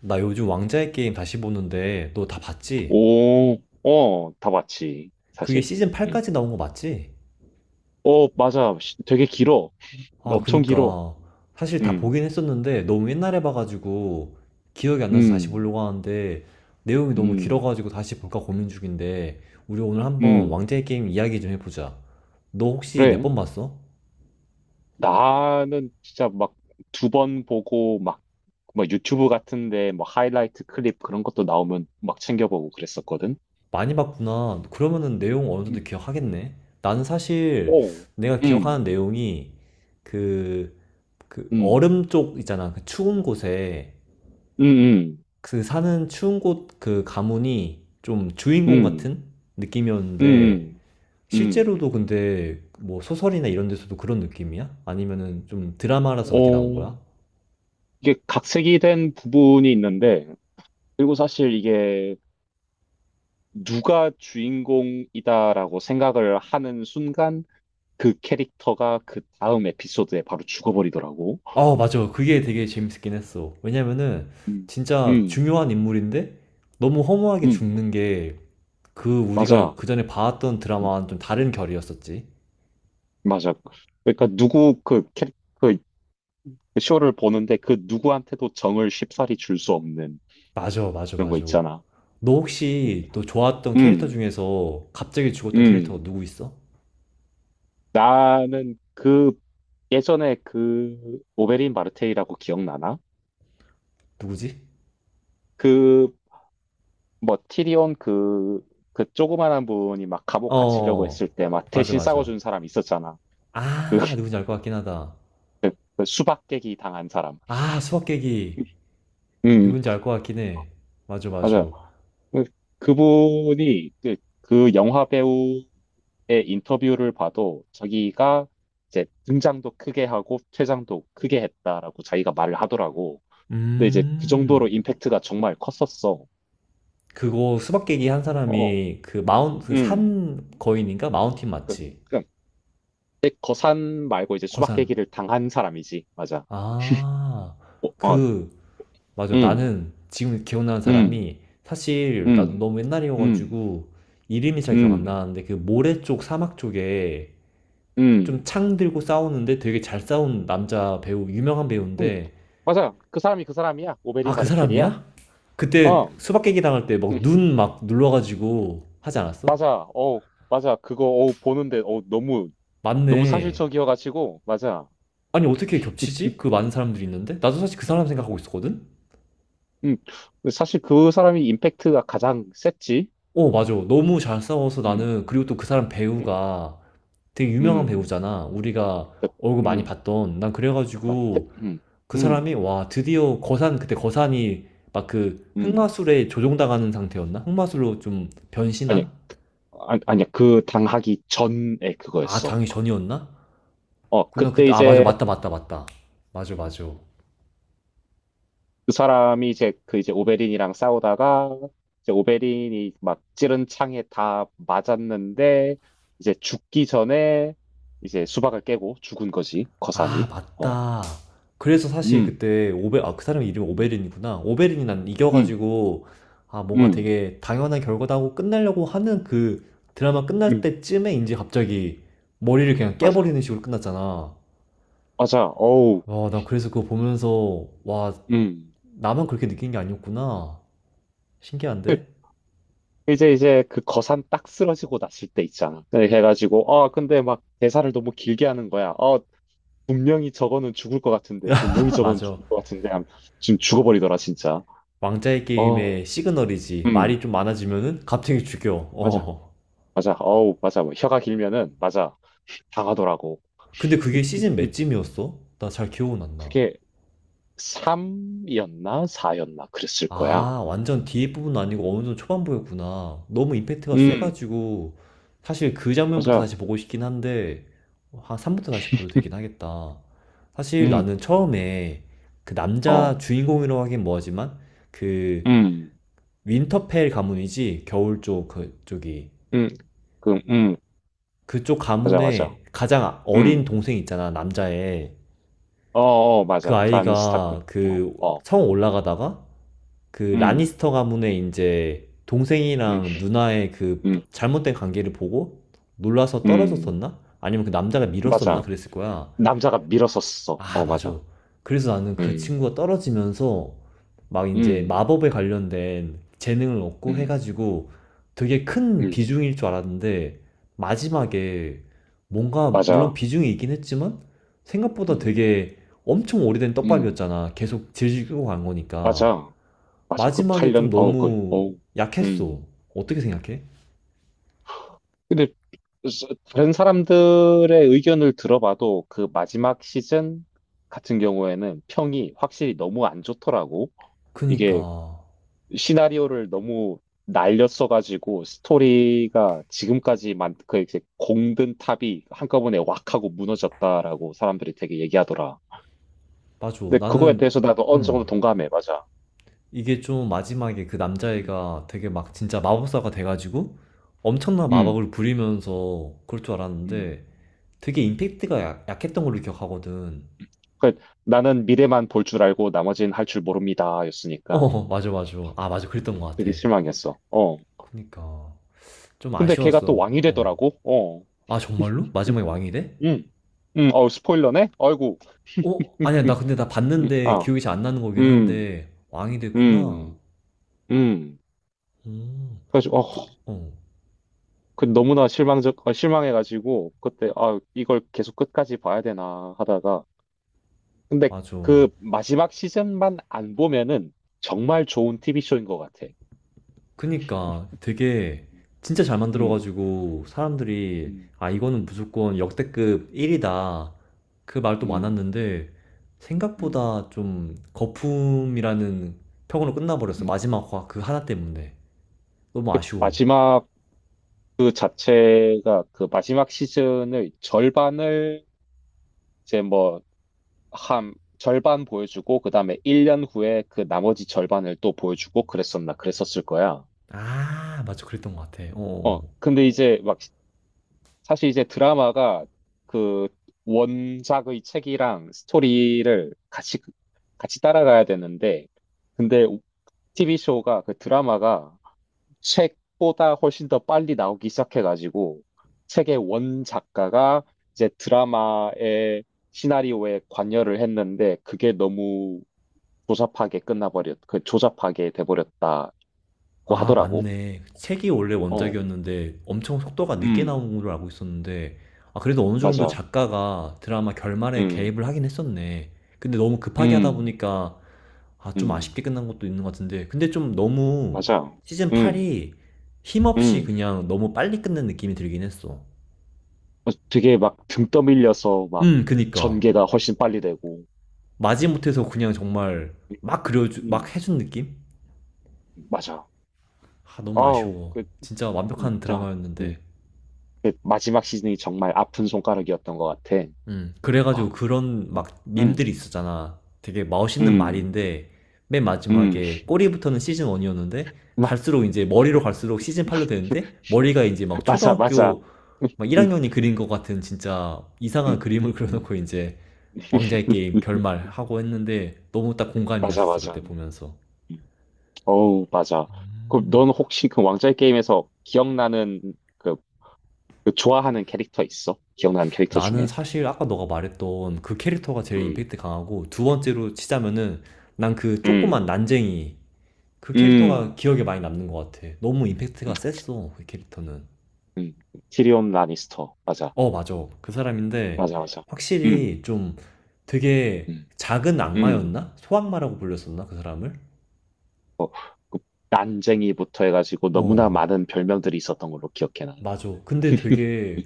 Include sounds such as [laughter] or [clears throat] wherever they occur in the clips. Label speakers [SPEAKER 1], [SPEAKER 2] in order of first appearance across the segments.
[SPEAKER 1] 나 요즘 왕자의 게임 다시 보는데 너 다 봤지?
[SPEAKER 2] 오, 어, 다 봤지,
[SPEAKER 1] 그게
[SPEAKER 2] 사실.
[SPEAKER 1] 시즌
[SPEAKER 2] 음.
[SPEAKER 1] 8까지 나온 거 맞지?
[SPEAKER 2] 어, 맞아. 되게 길어.
[SPEAKER 1] 아,
[SPEAKER 2] 엄청 길어.
[SPEAKER 1] 그니까. 사실 다
[SPEAKER 2] 음,
[SPEAKER 1] 보긴 했었는데 너무 옛날에 봐가지고 기억이 안 나서 다시
[SPEAKER 2] 음,
[SPEAKER 1] 보려고 하는데 내용이 너무
[SPEAKER 2] 음,
[SPEAKER 1] 길어가지고 다시 볼까 고민 중인데 우리 오늘 한번
[SPEAKER 2] 음.
[SPEAKER 1] 왕자의 게임 이야기 좀 해보자. 너 혹시 몇
[SPEAKER 2] 그래.
[SPEAKER 1] 번 봤어?
[SPEAKER 2] 나는 진짜 막 두 번 보고 막, 막 유튜브 같은데 뭐 하이라이트 클립 그런 것도 나오면 막 챙겨보고 그랬었거든.
[SPEAKER 1] 많이 봤구나. 그러면은 내용 어느 정도
[SPEAKER 2] 음.
[SPEAKER 1] 기억하겠네. 나는 사실
[SPEAKER 2] 오,
[SPEAKER 1] 내가 기억하는
[SPEAKER 2] 음,
[SPEAKER 1] 내용이 그, 그
[SPEAKER 2] 음,
[SPEAKER 1] 얼음 쪽 있잖아. 그 추운 곳에
[SPEAKER 2] 음,
[SPEAKER 1] 그 사는 추운 곳 그 가문이 좀
[SPEAKER 2] 음,
[SPEAKER 1] 주인공
[SPEAKER 2] 음,
[SPEAKER 1] 같은 느낌이었는데
[SPEAKER 2] 음, 음.
[SPEAKER 1] 실제로도 근데 뭐 소설이나
[SPEAKER 2] 음.
[SPEAKER 1] 이런 데서도 그런 느낌이야? 아니면은 좀 드라마라서 그렇게 나온
[SPEAKER 2] 어,
[SPEAKER 1] 거야?
[SPEAKER 2] 이게 각색이 된 부분이 있는데, 그리고 사실 이게 누가 주인공이다라고 생각을 하는 순간 그 캐릭터가 그 다음 에피소드에 바로 죽어버리더라고.
[SPEAKER 1] 아, 맞아. 그게 되게 재밌긴 했어. 왜냐면은
[SPEAKER 2] 음,
[SPEAKER 1] 진짜
[SPEAKER 2] 음,
[SPEAKER 1] 중요한 인물인데 너무 허무하게
[SPEAKER 2] 음,
[SPEAKER 1] 죽는 게 그 우리가
[SPEAKER 2] 맞아.
[SPEAKER 1] 그전에 봐왔던
[SPEAKER 2] 음,
[SPEAKER 1] 드라마와는 좀 다른 결이었었지.
[SPEAKER 2] 맞아. 그러니까 누구 그 쇼를 보는데 그 누구한테도 정을 쉽사리 줄 수 없는
[SPEAKER 1] 맞아, 맞아,
[SPEAKER 2] 그런 거
[SPEAKER 1] 맞아.
[SPEAKER 2] 있잖아.
[SPEAKER 1] 너 혹시 너 좋아했던
[SPEAKER 2] 음,
[SPEAKER 1] 캐릭터
[SPEAKER 2] 음.
[SPEAKER 1] 중에서 갑자기 죽었던
[SPEAKER 2] 음.
[SPEAKER 1] 캐릭터가 누구 있어?
[SPEAKER 2] 나는 그 예전에 그 오베린 마르테이라고 기억나나?
[SPEAKER 1] 누구지?
[SPEAKER 2] 그 뭐 그 조그만한 분이 막 감옥 갇히려고
[SPEAKER 1] 어,
[SPEAKER 2] 했을 때 막
[SPEAKER 1] 맞아,
[SPEAKER 2] 대신
[SPEAKER 1] 맞아.
[SPEAKER 2] 싸워준 사람 있었잖아. 그,
[SPEAKER 1] 아, 누군지 알 것 같긴 하다.
[SPEAKER 2] 그 수박 깨기 당한 사람.
[SPEAKER 1] 아, 수박 깨기.
[SPEAKER 2] 음,
[SPEAKER 1] 누군지 알 것 같긴 해. 맞아, 맞아.
[SPEAKER 2] 맞아요. 그, 그분이 그, 그 영화 배우의 인터뷰를 봐도 자기가 이제 등장도 크게 하고 퇴장도 크게 했다라고 자기가 말을 하더라고. 근데 이제 그
[SPEAKER 1] 음,
[SPEAKER 2] 정도로 임팩트가 정말 컸었어.
[SPEAKER 1] 그거 수박 깨기 한
[SPEAKER 2] 어,
[SPEAKER 1] 사람이 그 마운, 그
[SPEAKER 2] 음.
[SPEAKER 1] 산 거인인가? 마운틴
[SPEAKER 2] 그,
[SPEAKER 1] 맞지?
[SPEAKER 2] 그, 거산 말고 이제 수박
[SPEAKER 1] 거산.
[SPEAKER 2] 깨기를 당한 사람이지. 맞아.
[SPEAKER 1] 아,
[SPEAKER 2] 어, 어,
[SPEAKER 1] 그, 맞아.
[SPEAKER 2] 음.
[SPEAKER 1] 나는 지금 기억나는
[SPEAKER 2] 음,
[SPEAKER 1] 사람이 사실 나도
[SPEAKER 2] 음,
[SPEAKER 1] 너무
[SPEAKER 2] 음,
[SPEAKER 1] 옛날이어가지고 이름이 잘 기억 안
[SPEAKER 2] 음,
[SPEAKER 1] 나는데 그 모래 쪽 사막 쪽에 좀
[SPEAKER 2] 음,
[SPEAKER 1] 창 들고 싸우는데 되게 잘 싸운 남자 배우 유명한
[SPEAKER 2] 음.
[SPEAKER 1] 배우인데
[SPEAKER 2] 맞아. 그 사람이 그 사람이야.
[SPEAKER 1] 아,
[SPEAKER 2] 오베린
[SPEAKER 1] 그
[SPEAKER 2] 바르텔이야.
[SPEAKER 1] 사람이야? 그때
[SPEAKER 2] 어,
[SPEAKER 1] 수박 깨기 당할 때
[SPEAKER 2] 음,
[SPEAKER 1] 막 눈 막 눌러가지고 하지 않았어?
[SPEAKER 2] 맞아. 어, 맞아. 그거 어 보는데 어 너무 너무
[SPEAKER 1] 맞네.
[SPEAKER 2] 사실적이어가지고 맞아.
[SPEAKER 1] 아니, 어떻게 겹치지? 그 많은 사람들이 있는데 나도 사실 그 사람 생각하고 있었거든.
[SPEAKER 2] 음, 사실 그 사람이 임팩트가 가장 셌지.
[SPEAKER 1] 어, 맞아. 너무 잘 싸워서.
[SPEAKER 2] 음,
[SPEAKER 1] 나는 그리고 또 그 사람 배우가 되게 유명한
[SPEAKER 2] 음,
[SPEAKER 1] 배우잖아. 우리가
[SPEAKER 2] 그,
[SPEAKER 1] 얼굴 많이
[SPEAKER 2] 음,
[SPEAKER 1] 봤던 난
[SPEAKER 2] 맞, 태-
[SPEAKER 1] 그래가지고
[SPEAKER 2] 음,
[SPEAKER 1] 그 사람이.
[SPEAKER 2] 음,
[SPEAKER 1] 와, 드디어 거산. 그때 거산이 막 그
[SPEAKER 2] 음.
[SPEAKER 1] 흑마술에 조종당하는 상태였나? 흑마술로 좀
[SPEAKER 2] 아니,
[SPEAKER 1] 변신한?
[SPEAKER 2] 아니, 아니야. 그 당하기 전에
[SPEAKER 1] 아,
[SPEAKER 2] 그거였어.
[SPEAKER 1] 당일 전이었나?
[SPEAKER 2] 어,
[SPEAKER 1] 그나
[SPEAKER 2] 그때
[SPEAKER 1] 그때. 아, 맞아,
[SPEAKER 2] 이제.
[SPEAKER 1] 맞다, 맞다, 맞다. 맞아,
[SPEAKER 2] 음.
[SPEAKER 1] 맞아.
[SPEAKER 2] 그 사람이 이제 오베린이랑 싸우다가 이제 오베린이 막 찌른 창에 다 맞았는데 이제 죽기 전에 이제 수박을 깨고 죽은 거지
[SPEAKER 1] 아,
[SPEAKER 2] 거산이. 어.
[SPEAKER 1] 맞다. 그래서 사실
[SPEAKER 2] 음.
[SPEAKER 1] 그때 오베. 아, 그 사람 이름이
[SPEAKER 2] 음.
[SPEAKER 1] 오베린이구나. 오베린이 난
[SPEAKER 2] 음.
[SPEAKER 1] 이겨가지고 아, 뭔가
[SPEAKER 2] 음.
[SPEAKER 1] 되게 당연한 결과다고 끝내려고 하는 그 드라마 끝날
[SPEAKER 2] 음.
[SPEAKER 1] 때쯤에 이제 갑자기 머리를 그냥
[SPEAKER 2] 맞아.
[SPEAKER 1] 깨버리는 식으로 끝났잖아.
[SPEAKER 2] 맞아. 어우.
[SPEAKER 1] 와, 나 그래서 그거 보면서 와,
[SPEAKER 2] 음.
[SPEAKER 1] 나만 그렇게 느낀 게 아니었구나. 신기한데.
[SPEAKER 2] 이제 그 거산 딱 쓰러지고 났을 때 있잖아. 그래 해가지고 아 근데 막 대사를 너무 길게 하는 거야. 어 분명히 저거는 죽을 것 같은데
[SPEAKER 1] [laughs]
[SPEAKER 2] 분명히
[SPEAKER 1] 아,
[SPEAKER 2] 저거는
[SPEAKER 1] 맞아.
[SPEAKER 2] 죽을 것 같은데 하면 지금 죽어버리더라 진짜.
[SPEAKER 1] 왕자의
[SPEAKER 2] 어.
[SPEAKER 1] 게임의 시그널이지.
[SPEAKER 2] 음.
[SPEAKER 1] 말이 좀 많아지면은 갑자기 죽여.
[SPEAKER 2] 맞아.
[SPEAKER 1] 어,
[SPEAKER 2] 맞아. 어우, 맞아. 뭐 혀가 길면은, 맞아. 당하더라고.
[SPEAKER 1] 근데 그게 시즌
[SPEAKER 2] 음,
[SPEAKER 1] 몇쯤이었어? 나 잘 기억은 안 나.
[SPEAKER 2] 그게 3이었나? 4였나? 그랬을 거야.
[SPEAKER 1] 아, 완전 뒤에 부분은 아니고 어느 정도 초반부였구나. 너무 임팩트가
[SPEAKER 2] 음,
[SPEAKER 1] 세가지고, 사실 그 장면부터 다시
[SPEAKER 2] 맞아.
[SPEAKER 1] 보고 싶긴 한데, 한 3부터 다시 보도 되긴 하겠다. 사실
[SPEAKER 2] 음,
[SPEAKER 1] 나는 처음에 그 남자
[SPEAKER 2] 어,
[SPEAKER 1] 주인공이라고 하긴 뭐하지만, 그
[SPEAKER 2] 음,
[SPEAKER 1] 윈터펠 가문이지, 겨울 쪽, 그쪽이.
[SPEAKER 2] 음, 그,
[SPEAKER 1] 그쪽
[SPEAKER 2] 맞아, 맞아.
[SPEAKER 1] 가문에 가장 어린
[SPEAKER 2] 음,
[SPEAKER 1] 동생 있잖아, 남자애.
[SPEAKER 2] 어, 어,
[SPEAKER 1] 그
[SPEAKER 2] 맞아. 프란스 타크.
[SPEAKER 1] 아이가
[SPEAKER 2] 어,
[SPEAKER 1] 그
[SPEAKER 2] 어,
[SPEAKER 1] 성 올라가다가 그
[SPEAKER 2] 음,
[SPEAKER 1] 라니스터 가문의 이제
[SPEAKER 2] 음,
[SPEAKER 1] 동생이랑 누나의 그
[SPEAKER 2] 음,
[SPEAKER 1] 잘못된 관계를 보고 놀라서
[SPEAKER 2] 음,
[SPEAKER 1] 떨어졌었나? 아니면 그 남자가 밀었었나?
[SPEAKER 2] 맞아.
[SPEAKER 1] 그랬을 거야.
[SPEAKER 2] 남자가 밀어섰어.
[SPEAKER 1] 아,
[SPEAKER 2] 어, 맞아.
[SPEAKER 1] 맞아. 그래서 나는 그
[SPEAKER 2] 음,
[SPEAKER 1] 친구가 떨어지면서 막 이제
[SPEAKER 2] 음,
[SPEAKER 1] 마법에 관련된 재능을 얻고
[SPEAKER 2] 음,
[SPEAKER 1] 해가지고 되게 큰
[SPEAKER 2] 음,
[SPEAKER 1] 비중일 줄 알았는데 마지막에 뭔가 물론
[SPEAKER 2] 맞아.
[SPEAKER 1] 비중이 있긴 했지만 생각보다
[SPEAKER 2] 음,
[SPEAKER 1] 되게 엄청 오래된
[SPEAKER 2] 음,
[SPEAKER 1] 떡밥이었잖아. 계속 질질 끌고 간 거니까.
[SPEAKER 2] 맞아. 맞아. 그
[SPEAKER 1] 마지막에 좀
[SPEAKER 2] 8년, 어우, 그,
[SPEAKER 1] 너무
[SPEAKER 2] 어우,
[SPEAKER 1] 약했어.
[SPEAKER 2] 음.
[SPEAKER 1] 어떻게 생각해?
[SPEAKER 2] 근데 스- 다른 사람들의 의견을 들어봐도 그 마지막 시즌 같은 경우에는 평이 확실히 너무 안 좋더라고. 이게
[SPEAKER 1] 그니까
[SPEAKER 2] 시나리오를 너무 날렸어가지고 스토리가 지금까지만 그 이제 공든 탑이 한꺼번에 왁 하고 무너졌다라고 사람들이 되게 얘기하더라.
[SPEAKER 1] 맞아.
[SPEAKER 2] 근데 그거에
[SPEAKER 1] 나는.
[SPEAKER 2] 대해서 나도 어느 정도
[SPEAKER 1] 음,
[SPEAKER 2] 동감해. 맞아.
[SPEAKER 1] 이게 좀 마지막에 그
[SPEAKER 2] 음.
[SPEAKER 1] 남자애가 되게 막 진짜 마법사가 돼가지고 엄청난
[SPEAKER 2] 음.
[SPEAKER 1] 마법을 부리면서 그럴 줄
[SPEAKER 2] 음.
[SPEAKER 1] 알았는데 되게 임팩트가 약했던 걸로 기억하거든.
[SPEAKER 2] 그 나는 미래만 볼 줄 알고 나머지는 할 줄 모릅니다. 였으니까
[SPEAKER 1] 어, 맞아, 맞아. 아, 맞아, 그랬던 것 같아.
[SPEAKER 2] 되게 실망했어. 어.
[SPEAKER 1] 그니까 좀
[SPEAKER 2] 근데 걔가 또
[SPEAKER 1] 아쉬웠어.
[SPEAKER 2] 왕이
[SPEAKER 1] 어.
[SPEAKER 2] 되더라고. 어.
[SPEAKER 1] 아, 정말로? 마지막에 왕이 돼?
[SPEAKER 2] 음. 음. 어, 스포일러네? 아이고.
[SPEAKER 1] 어? 아니야,
[SPEAKER 2] 음.
[SPEAKER 1] 나 근데 나
[SPEAKER 2] 음.
[SPEAKER 1] 봤는데
[SPEAKER 2] 아.
[SPEAKER 1] 기억이 잘 안 나는 거긴
[SPEAKER 2] 음.
[SPEAKER 1] 한데 왕이 됐구나.
[SPEAKER 2] 음. 음.
[SPEAKER 1] 음,
[SPEAKER 2] 그래서
[SPEAKER 1] 그,
[SPEAKER 2] 어,
[SPEAKER 1] 어,
[SPEAKER 2] 그 너무나 실망적 어, 실망해가지고 그때 아, 이걸 계속 끝까지 봐야 되나 하다가 근데
[SPEAKER 1] 맞아.
[SPEAKER 2] 그 마지막 시즌만 안 보면은 정말 좋은 TV쇼인 것 같아.
[SPEAKER 1] 그니까 되게 진짜 잘
[SPEAKER 2] 음.
[SPEAKER 1] 만들어가지고 사람들이
[SPEAKER 2] 음.
[SPEAKER 1] 아, 이거는 무조건 역대급 1이다. 그 말도
[SPEAKER 2] 음.
[SPEAKER 1] 많았는데
[SPEAKER 2] 음.
[SPEAKER 1] 생각보다 좀 거품이라는 평으로 끝나버렸어.
[SPEAKER 2] 음.
[SPEAKER 1] 마지막 화 그 하나 때문에. 너무 아쉬워.
[SPEAKER 2] 마지막 그 자체가 그 마지막 시즌의 절반을 이제 뭐 한 절반 보여주고 그다음에 1년 후에 그 나머지 절반을 또 보여주고 그랬었나 그랬었을 거야.
[SPEAKER 1] 아, 맞아. 그랬던 것 같아. 어.
[SPEAKER 2] 어,
[SPEAKER 1] 어.
[SPEAKER 2] 근데 이제 막 사실 이제 드라마가 그 원작의 책이랑 스토리를 같이 따라가야 되는데 근데 TV 쇼가 그 드라마가 책보다 훨씬 더 빨리 나오기 시작해가지고 책의 원 작가가 이제 드라마의 시나리오에 관여를 했는데 그게 너무 조잡하게 끝나버렸, 그 조잡하게 돼버렸다고
[SPEAKER 1] 아,
[SPEAKER 2] 하더라고.
[SPEAKER 1] 맞네. 책이 원래
[SPEAKER 2] 어,
[SPEAKER 1] 원작이었는데 엄청 속도가 늦게
[SPEAKER 2] 음,
[SPEAKER 1] 나온 걸로 알고 있었는데, 아, 그래도 어느 정도
[SPEAKER 2] 맞아.
[SPEAKER 1] 작가가 드라마 결말에
[SPEAKER 2] 음,
[SPEAKER 1] 개입을 하긴 했었네. 근데 너무 급하게 하다
[SPEAKER 2] 음,
[SPEAKER 1] 보니까, 아, 좀
[SPEAKER 2] 음,
[SPEAKER 1] 아쉽게 끝난 것도 있는 것 같은데. 근데 좀 너무
[SPEAKER 2] 맞아.
[SPEAKER 1] 시즌
[SPEAKER 2] 음,
[SPEAKER 1] 8이 힘없이
[SPEAKER 2] 음.
[SPEAKER 1] 그냥 너무 빨리 끝낸 느낌이 들긴 했어.
[SPEAKER 2] 어, 되게 막 등 떠밀려서 막
[SPEAKER 1] 그니까.
[SPEAKER 2] 전개가 훨씬 빨리 되고.
[SPEAKER 1] 마지못해서 그냥 정말
[SPEAKER 2] 음,
[SPEAKER 1] 막 그려주, 막
[SPEAKER 2] 음.
[SPEAKER 1] 해준 느낌?
[SPEAKER 2] 맞아.
[SPEAKER 1] 아, 너무
[SPEAKER 2] 아우,
[SPEAKER 1] 아쉬워.
[SPEAKER 2] 그,
[SPEAKER 1] 진짜 완벽한
[SPEAKER 2] 자,
[SPEAKER 1] 드라마였는데.
[SPEAKER 2] 음. 그 마지막 시즌이 정말 아픈 손가락이었던 것 같아.
[SPEAKER 1] 그래가지고
[SPEAKER 2] 어.
[SPEAKER 1] 그런 막 밈들이
[SPEAKER 2] 음,
[SPEAKER 1] 있었잖아. 되게 멋있는
[SPEAKER 2] 음,
[SPEAKER 1] 말인데, 맨
[SPEAKER 2] 음.
[SPEAKER 1] 마지막에 꼬리부터는 시즌 1이었는데,
[SPEAKER 2] 마,
[SPEAKER 1] 갈수록 이제 머리로 갈수록 시즌 8로 되는데, 머리가 이제 막
[SPEAKER 2] 맞아, 맞아.
[SPEAKER 1] 초등학교
[SPEAKER 2] 음,
[SPEAKER 1] 막
[SPEAKER 2] 음,
[SPEAKER 1] 1학년이 그린 것 같은 진짜
[SPEAKER 2] 음.
[SPEAKER 1] 이상한 그림을 [laughs]
[SPEAKER 2] 음.
[SPEAKER 1] 그려놓고 이제 왕자의 게임
[SPEAKER 2] [laughs]
[SPEAKER 1] 결말하고 했는데, 너무 딱 공감이
[SPEAKER 2] 맞아,
[SPEAKER 1] 갔었어,
[SPEAKER 2] 맞아.
[SPEAKER 1] 그때 보면서.
[SPEAKER 2] 음. 어우, 맞아. 그럼 넌 혹시 그 왕좌의 게임에서 기억나는 그, 그 좋아하는 캐릭터 있어? 기억나는 캐릭터
[SPEAKER 1] 나는
[SPEAKER 2] 중에?
[SPEAKER 1] 사실 아까 너가 말했던 그 캐릭터가 제일
[SPEAKER 2] 음,
[SPEAKER 1] 임팩트 강하고, 두 번째로
[SPEAKER 2] 음,
[SPEAKER 1] 치자면은, 난 그 조그만
[SPEAKER 2] 음,
[SPEAKER 1] 난쟁이, 그 캐릭터가
[SPEAKER 2] 음,
[SPEAKER 1] 기억에 많이 남는 것 같아. 너무 임팩트가
[SPEAKER 2] 음.
[SPEAKER 1] 셌어, 그 캐릭터는.
[SPEAKER 2] 음. 티리온 라니스터. 맞아,
[SPEAKER 1] 어, 맞아. 그 사람인데,
[SPEAKER 2] 맞아, 맞아. 음,
[SPEAKER 1] 확실히 좀 되게
[SPEAKER 2] 음,
[SPEAKER 1] 작은
[SPEAKER 2] 음.
[SPEAKER 1] 악마였나? 소악마라고 불렸었나? 그 사람을?
[SPEAKER 2] 어, 그 난쟁이부터 해가지고 너무나
[SPEAKER 1] 어,
[SPEAKER 2] 많은 별명들이 있었던 걸로 기억해 나는.
[SPEAKER 1] 맞아. 근데
[SPEAKER 2] [laughs]
[SPEAKER 1] 되게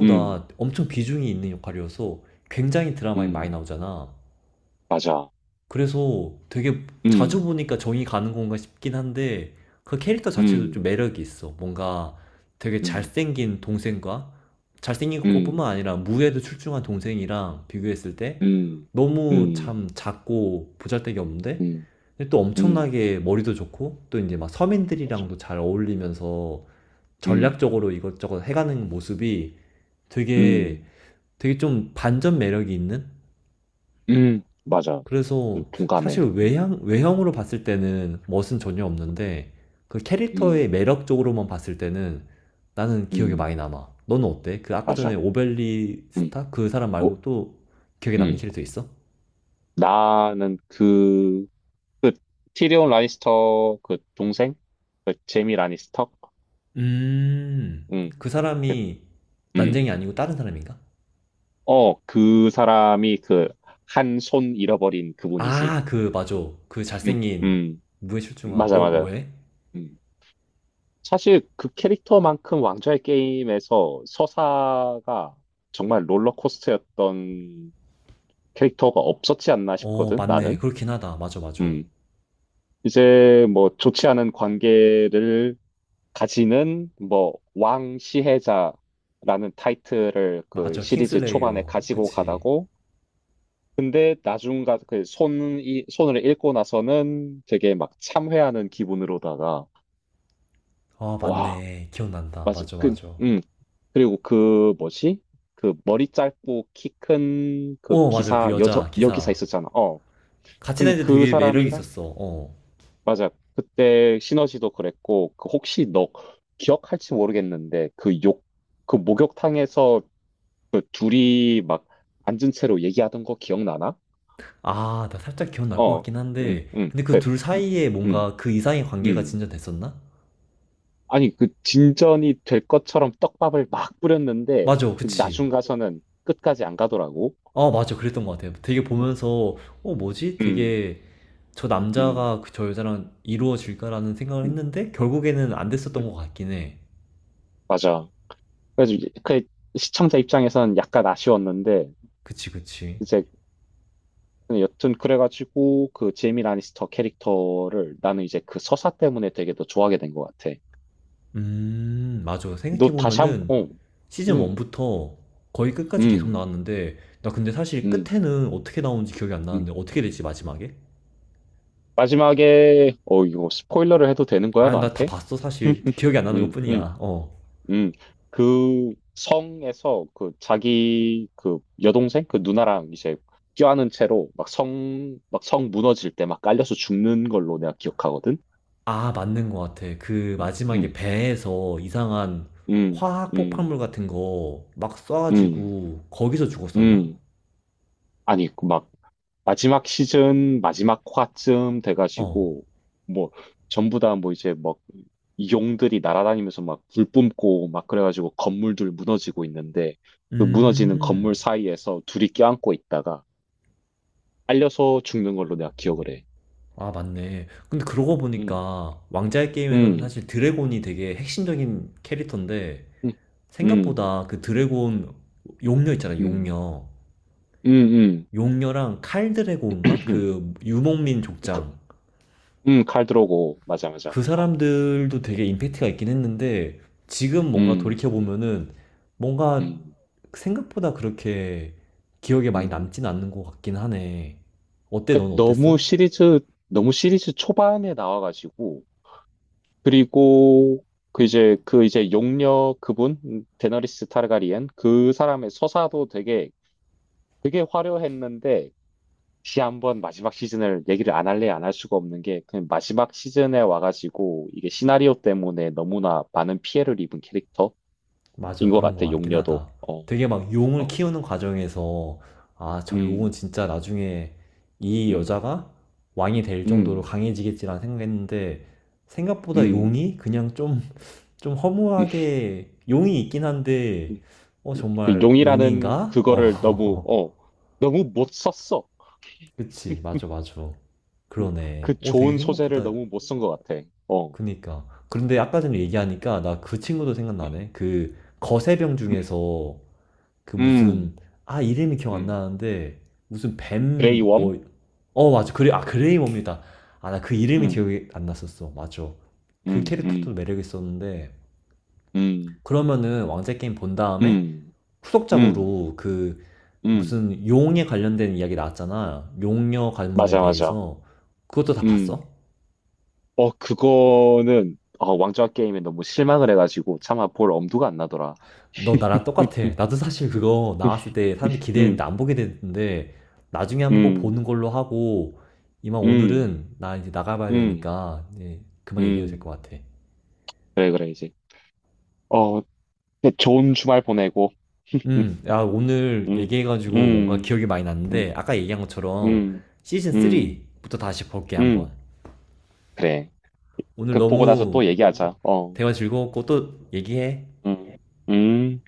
[SPEAKER 2] 음,
[SPEAKER 1] 엄청 비중이 있는 역할이어서 굉장히 드라마에 많이
[SPEAKER 2] 음,
[SPEAKER 1] 나오잖아.
[SPEAKER 2] 맞아.
[SPEAKER 1] 그래서 되게 자주
[SPEAKER 2] 음,
[SPEAKER 1] 보니까 정이 가는 건가 싶긴 한데 그 캐릭터 자체도 좀
[SPEAKER 2] 음,
[SPEAKER 1] 매력이 있어. 뭔가 되게
[SPEAKER 2] 음,
[SPEAKER 1] 잘생긴 동생과 잘생긴 것뿐만
[SPEAKER 2] 음,
[SPEAKER 1] 아니라 무예도 출중한 동생이랑 비교했을 때
[SPEAKER 2] 음,
[SPEAKER 1] 너무 참
[SPEAKER 2] 음,
[SPEAKER 1] 작고 보잘데기 없는데
[SPEAKER 2] 음,
[SPEAKER 1] 근데 또
[SPEAKER 2] 음,
[SPEAKER 1] 엄청나게 머리도 좋고 또 이제 막
[SPEAKER 2] 맞아.
[SPEAKER 1] 서민들이랑도 잘 어울리면서
[SPEAKER 2] 음,
[SPEAKER 1] 전략적으로 이것저것 해가는 모습이 되게
[SPEAKER 2] 음,
[SPEAKER 1] 되게 좀 반전 매력이 있는.
[SPEAKER 2] 맞아. 좀
[SPEAKER 1] 그래서
[SPEAKER 2] 동감해.
[SPEAKER 1] 사실 외형으로 봤을 때는 멋은 전혀 없는데 그 캐릭터의
[SPEAKER 2] 음,
[SPEAKER 1] 매력적으로만 봤을 때는 나는 기억에 많이
[SPEAKER 2] 음,
[SPEAKER 1] 남아. 너는 어때? 그 아까 전에
[SPEAKER 2] 맞아. 음,
[SPEAKER 1] 오벨리스타 그 사람
[SPEAKER 2] 오,
[SPEAKER 1] 말고 또 기억에 남는
[SPEAKER 2] 음.
[SPEAKER 1] 캐릭터 있어?
[SPEAKER 2] 나는 그, 그, 티리온 라니스터 그 동생? 그 제미 라니스터?
[SPEAKER 1] 음,
[SPEAKER 2] 음,
[SPEAKER 1] 그
[SPEAKER 2] 그,
[SPEAKER 1] 사람이
[SPEAKER 2] 음.
[SPEAKER 1] 난쟁이 아니고 다른 사람인가?
[SPEAKER 2] 어, 그 사람이 그 한 손 잃어버린 그분이지.
[SPEAKER 1] 아, 그, 맞아. 그
[SPEAKER 2] 음,
[SPEAKER 1] 잘생긴
[SPEAKER 2] 음,
[SPEAKER 1] 무에실중한,
[SPEAKER 2] 맞아,
[SPEAKER 1] 어,
[SPEAKER 2] 맞아.
[SPEAKER 1] 왜?
[SPEAKER 2] 음. 사실 그 캐릭터만큼 왕좌의 게임에서 서사가 정말 롤러코스터였던 캐릭터가 없었지 않나
[SPEAKER 1] 어,
[SPEAKER 2] 싶거든,
[SPEAKER 1] 맞네.
[SPEAKER 2] 나는.
[SPEAKER 1] 그렇긴 하다. 맞아, 맞아.
[SPEAKER 2] 음. 이제 뭐 좋지 않은 관계를 가지는 뭐 왕시혜자라는 타이틀을 그
[SPEAKER 1] 맞아.
[SPEAKER 2] 시리즈 초반에
[SPEAKER 1] 킹슬레이어.
[SPEAKER 2] 가지고
[SPEAKER 1] 그치.
[SPEAKER 2] 가다고 근데 나중 가, 그 손이, 손을 읽고 나서는 되게 막 참회하는 기분으로다가,
[SPEAKER 1] 아,
[SPEAKER 2] 와,
[SPEAKER 1] 맞네. 기억난다.
[SPEAKER 2] 맞아.
[SPEAKER 1] 맞아,
[SPEAKER 2] 그,
[SPEAKER 1] 맞아.
[SPEAKER 2] 그리고 그 뭐지? 그 머리 짧고 키 큰 그
[SPEAKER 1] 어, 맞아. 그
[SPEAKER 2] 기사, 여자,
[SPEAKER 1] 여자
[SPEAKER 2] 여기사
[SPEAKER 1] 기사.
[SPEAKER 2] 있었잖아. 어.
[SPEAKER 1] 같이
[SPEAKER 2] 근데
[SPEAKER 1] 다니는데
[SPEAKER 2] 그
[SPEAKER 1] 되게 매력이
[SPEAKER 2] 사람이랑,
[SPEAKER 1] 있었어. 어.
[SPEAKER 2] 맞아. 그때 시너지도 그랬고, 그 혹시 너 기억할지 모르겠는데, 그 목욕탕에서 그 둘이 막 앉은 채로 얘기하던 거 기억나나?
[SPEAKER 1] 아, 나 살짝 기억날 것
[SPEAKER 2] 어.
[SPEAKER 1] 같긴 한데. 근데 그
[SPEAKER 2] 그,
[SPEAKER 1] 둘 사이에
[SPEAKER 2] 음,
[SPEAKER 1] 뭔가 그 이상의 관계가
[SPEAKER 2] 음.
[SPEAKER 1] 진전됐었나?
[SPEAKER 2] 아니, 그 진전이 될 것처럼 떡밥을 막 뿌렸는데,
[SPEAKER 1] 맞아.
[SPEAKER 2] 그
[SPEAKER 1] 그치.
[SPEAKER 2] 나중 가서는 끝까지 안 가더라고.
[SPEAKER 1] 어, 맞아. 그랬던 것 같아요. 되게 보면서, 어, 뭐지?
[SPEAKER 2] 음,
[SPEAKER 1] 되게 저
[SPEAKER 2] 음,
[SPEAKER 1] 남자가 그 저 여자랑 이루어질까라는 생각을
[SPEAKER 2] 음,
[SPEAKER 1] 했는데, 결국에는 안 됐었던
[SPEAKER 2] 음.
[SPEAKER 1] 것 같긴 해.
[SPEAKER 2] 맞아. 그래서 이제 그 시청자 입장에선 약간 아쉬웠는데,
[SPEAKER 1] 그치, 그치.
[SPEAKER 2] 이제 여튼 그래가지고 그 제이미 라니스터 캐릭터를 나는 이제 그 서사 때문에 되게 더 좋아하게 된 것 같아.
[SPEAKER 1] 맞아.
[SPEAKER 2] 너 다시 한,
[SPEAKER 1] 생각해보면은
[SPEAKER 2] 어,
[SPEAKER 1] 시즌
[SPEAKER 2] 음,
[SPEAKER 1] 1부터 거의 끝까지 계속
[SPEAKER 2] 음,
[SPEAKER 1] 나왔는데, 나 근데 사실
[SPEAKER 2] 음,
[SPEAKER 1] 끝에는 어떻게 나오는지 기억이 안
[SPEAKER 2] 음.
[SPEAKER 1] 나는데, 어떻게 되지, 마지막에?
[SPEAKER 2] 마지막에, 어, 이거 스포일러를 해도 되는 거야,
[SPEAKER 1] 아, 나 다
[SPEAKER 2] 너한테?
[SPEAKER 1] 봤어, 사실.
[SPEAKER 2] [laughs]
[SPEAKER 1] 기억이 안 나는 것
[SPEAKER 2] 음, 음.
[SPEAKER 1] 뿐이야. 어.
[SPEAKER 2] 음, 그 성에서 그 자기 그 여동생 그 누나랑 이제 껴안은 채로 막 성, 막 성 무너질 때 막 깔려서 죽는 걸로 내가 기억하거든?
[SPEAKER 1] 아, 맞는 것 같아. 그 마지막에
[SPEAKER 2] 음,
[SPEAKER 1] 배에서 이상한
[SPEAKER 2] 음,
[SPEAKER 1] 화학 폭발물
[SPEAKER 2] 음,
[SPEAKER 1] 같은 거 막
[SPEAKER 2] 음,
[SPEAKER 1] 쏴가지고, 거기서 죽었었나?
[SPEAKER 2] 음. 아니, 그막 마지막 시즌 마지막 화쯤
[SPEAKER 1] 어.
[SPEAKER 2] 돼가지고 뭐 전부 다 뭐 이제 막 용들이 날아다니면서 막 불 뿜고 막 그래가지고 건물들 무너지고 있는데 그 무너지는
[SPEAKER 1] 음.
[SPEAKER 2] 건물 사이에서 둘이 껴안고 있다가 알려서 죽는 걸로 내가 기억을 해.
[SPEAKER 1] 아, 맞네. 근데 그러고
[SPEAKER 2] 음,
[SPEAKER 1] 보니까 왕자의 게임에서는
[SPEAKER 2] 음,
[SPEAKER 1] 사실 드래곤이 되게 핵심적인 캐릭터인데,
[SPEAKER 2] 음, 음,
[SPEAKER 1] 생각보다 그 드래곤 용녀 있잖아,
[SPEAKER 2] 음,
[SPEAKER 1] 용녀.
[SPEAKER 2] 음, 음.
[SPEAKER 1] 용녀랑 칼 드래곤인가?
[SPEAKER 2] [clears throat]
[SPEAKER 1] 그 유목민
[SPEAKER 2] 그-
[SPEAKER 1] 족장.
[SPEAKER 2] 칼 들어오고, 맞아, 맞아.
[SPEAKER 1] 그
[SPEAKER 2] 어.
[SPEAKER 1] 사람들도 되게 임팩트가 있긴 했는데 지금 뭔가
[SPEAKER 2] 음,
[SPEAKER 1] 돌이켜보면은 뭔가
[SPEAKER 2] 음,
[SPEAKER 1] 생각보다 그렇게 기억에 많이
[SPEAKER 2] 음.
[SPEAKER 1] 남진 않는 것 같긴 하네. 어때?
[SPEAKER 2] 그
[SPEAKER 1] 넌
[SPEAKER 2] 너무
[SPEAKER 1] 어땠어?
[SPEAKER 2] 시리즈, 너무 시리즈 초반에 나와가지고, 그리고 용녀 그분, 데너리스 타르가리엔, 그 사람의 서사도 되게, 되게 화려했는데, 시 한번 마지막 시즌을 얘기를 안 할래 안 할 수가 없는 게 그냥 마지막 시즌에 와가지고 이게 시나리오 때문에 너무나 많은 피해를 입은 캐릭터인
[SPEAKER 1] 맞아,
[SPEAKER 2] 것
[SPEAKER 1] 그런 것
[SPEAKER 2] 같아
[SPEAKER 1] 같긴
[SPEAKER 2] 용녀도
[SPEAKER 1] 하다.
[SPEAKER 2] 어,
[SPEAKER 1] 되게 막 용을
[SPEAKER 2] 어,
[SPEAKER 1] 키우는 과정에서, 아, 저 용은
[SPEAKER 2] 음,
[SPEAKER 1] 진짜 나중에 이
[SPEAKER 2] 음,
[SPEAKER 1] 여자가 왕이 될 정도로
[SPEAKER 2] 음,
[SPEAKER 1] 강해지겠지라는 생각했는데, 생각보다
[SPEAKER 2] 음,
[SPEAKER 1] 용이 그냥 좀, 좀
[SPEAKER 2] 음.
[SPEAKER 1] 허무하게, 용이 있긴 한데,
[SPEAKER 2] [laughs]
[SPEAKER 1] 어,
[SPEAKER 2] 그
[SPEAKER 1] 정말
[SPEAKER 2] 용이라는
[SPEAKER 1] 용인가?
[SPEAKER 2] 그거를 너무
[SPEAKER 1] 어,
[SPEAKER 2] 어
[SPEAKER 1] [laughs]
[SPEAKER 2] 너무 못 썼어
[SPEAKER 1] 그치, 맞아, 맞아.
[SPEAKER 2] 음,
[SPEAKER 1] 그러네.
[SPEAKER 2] 그
[SPEAKER 1] 어, 되게
[SPEAKER 2] 좋은 소재를
[SPEAKER 1] 생각보다,
[SPEAKER 2] 너무 못 쓴 것 같아 어,
[SPEAKER 1] 그니까. 그런데 아까 전에 얘기하니까 나 그 친구도 생각나네. 그 거세병
[SPEAKER 2] 음,
[SPEAKER 1] 중에서 그
[SPEAKER 2] 음,
[SPEAKER 1] 무슨 아, 이름이 기억 안
[SPEAKER 2] 음,
[SPEAKER 1] 나는데 무슨
[SPEAKER 2] 그레이
[SPEAKER 1] 뱀,
[SPEAKER 2] 웜,
[SPEAKER 1] 뭐, 어, 맞아. 그래, 아, 그레이 몹니다. 아, 나 그 이름이
[SPEAKER 2] 음,
[SPEAKER 1] 기억이 안 났었어. 맞아. 그
[SPEAKER 2] 음,
[SPEAKER 1] 캐릭터도
[SPEAKER 2] 음,
[SPEAKER 1] 매력 있었는데
[SPEAKER 2] 음,
[SPEAKER 1] 그러면은 왕좌 게임 본 다음에
[SPEAKER 2] 음, 음,
[SPEAKER 1] 후속작으로 그
[SPEAKER 2] 음,
[SPEAKER 1] 무슨 용에 관련된 이야기 나왔잖아. 용녀 가문에
[SPEAKER 2] 맞아 맞아
[SPEAKER 1] 대해서 그것도 다 봤어?
[SPEAKER 2] 음. 어, 그거는, 어, 왕좌 게임에 너무 실망을 해가지고, 차마 볼 엄두가 안 나더라.
[SPEAKER 1] 너 나랑 똑같아.
[SPEAKER 2] [laughs]
[SPEAKER 1] 나도 사실 그거 나왔을 때 사람들이
[SPEAKER 2] 음,
[SPEAKER 1] 기대했는데
[SPEAKER 2] 음,
[SPEAKER 1] 안 보게 됐는데 나중에 한번 꼭
[SPEAKER 2] 음,
[SPEAKER 1] 보는 걸로 하고 이만
[SPEAKER 2] 음,
[SPEAKER 1] 오늘은 나 이제 나가봐야
[SPEAKER 2] 음.
[SPEAKER 1] 되니까 이제 그만 얘기해도 될 것
[SPEAKER 2] 음.
[SPEAKER 1] 같아.
[SPEAKER 2] 그래, 그래, 이제. 어, 네, 좋은 주말 보내고, 음,
[SPEAKER 1] 야 오늘
[SPEAKER 2] 음,
[SPEAKER 1] 얘기해가지고 뭔가
[SPEAKER 2] 음,
[SPEAKER 1] 기억이 많이 났는데
[SPEAKER 2] 음,
[SPEAKER 1] 아까 얘기한 것처럼
[SPEAKER 2] 음,
[SPEAKER 1] 시즌
[SPEAKER 2] 음,
[SPEAKER 1] 3부터 다시 볼게
[SPEAKER 2] 음.
[SPEAKER 1] 한번.
[SPEAKER 2] 그래.
[SPEAKER 1] 오늘
[SPEAKER 2] 그, 보고 나서
[SPEAKER 1] 너무
[SPEAKER 2] 또 얘기하자. 어,
[SPEAKER 1] 대화 즐거웠고 또 얘기해.
[SPEAKER 2] 음, 음.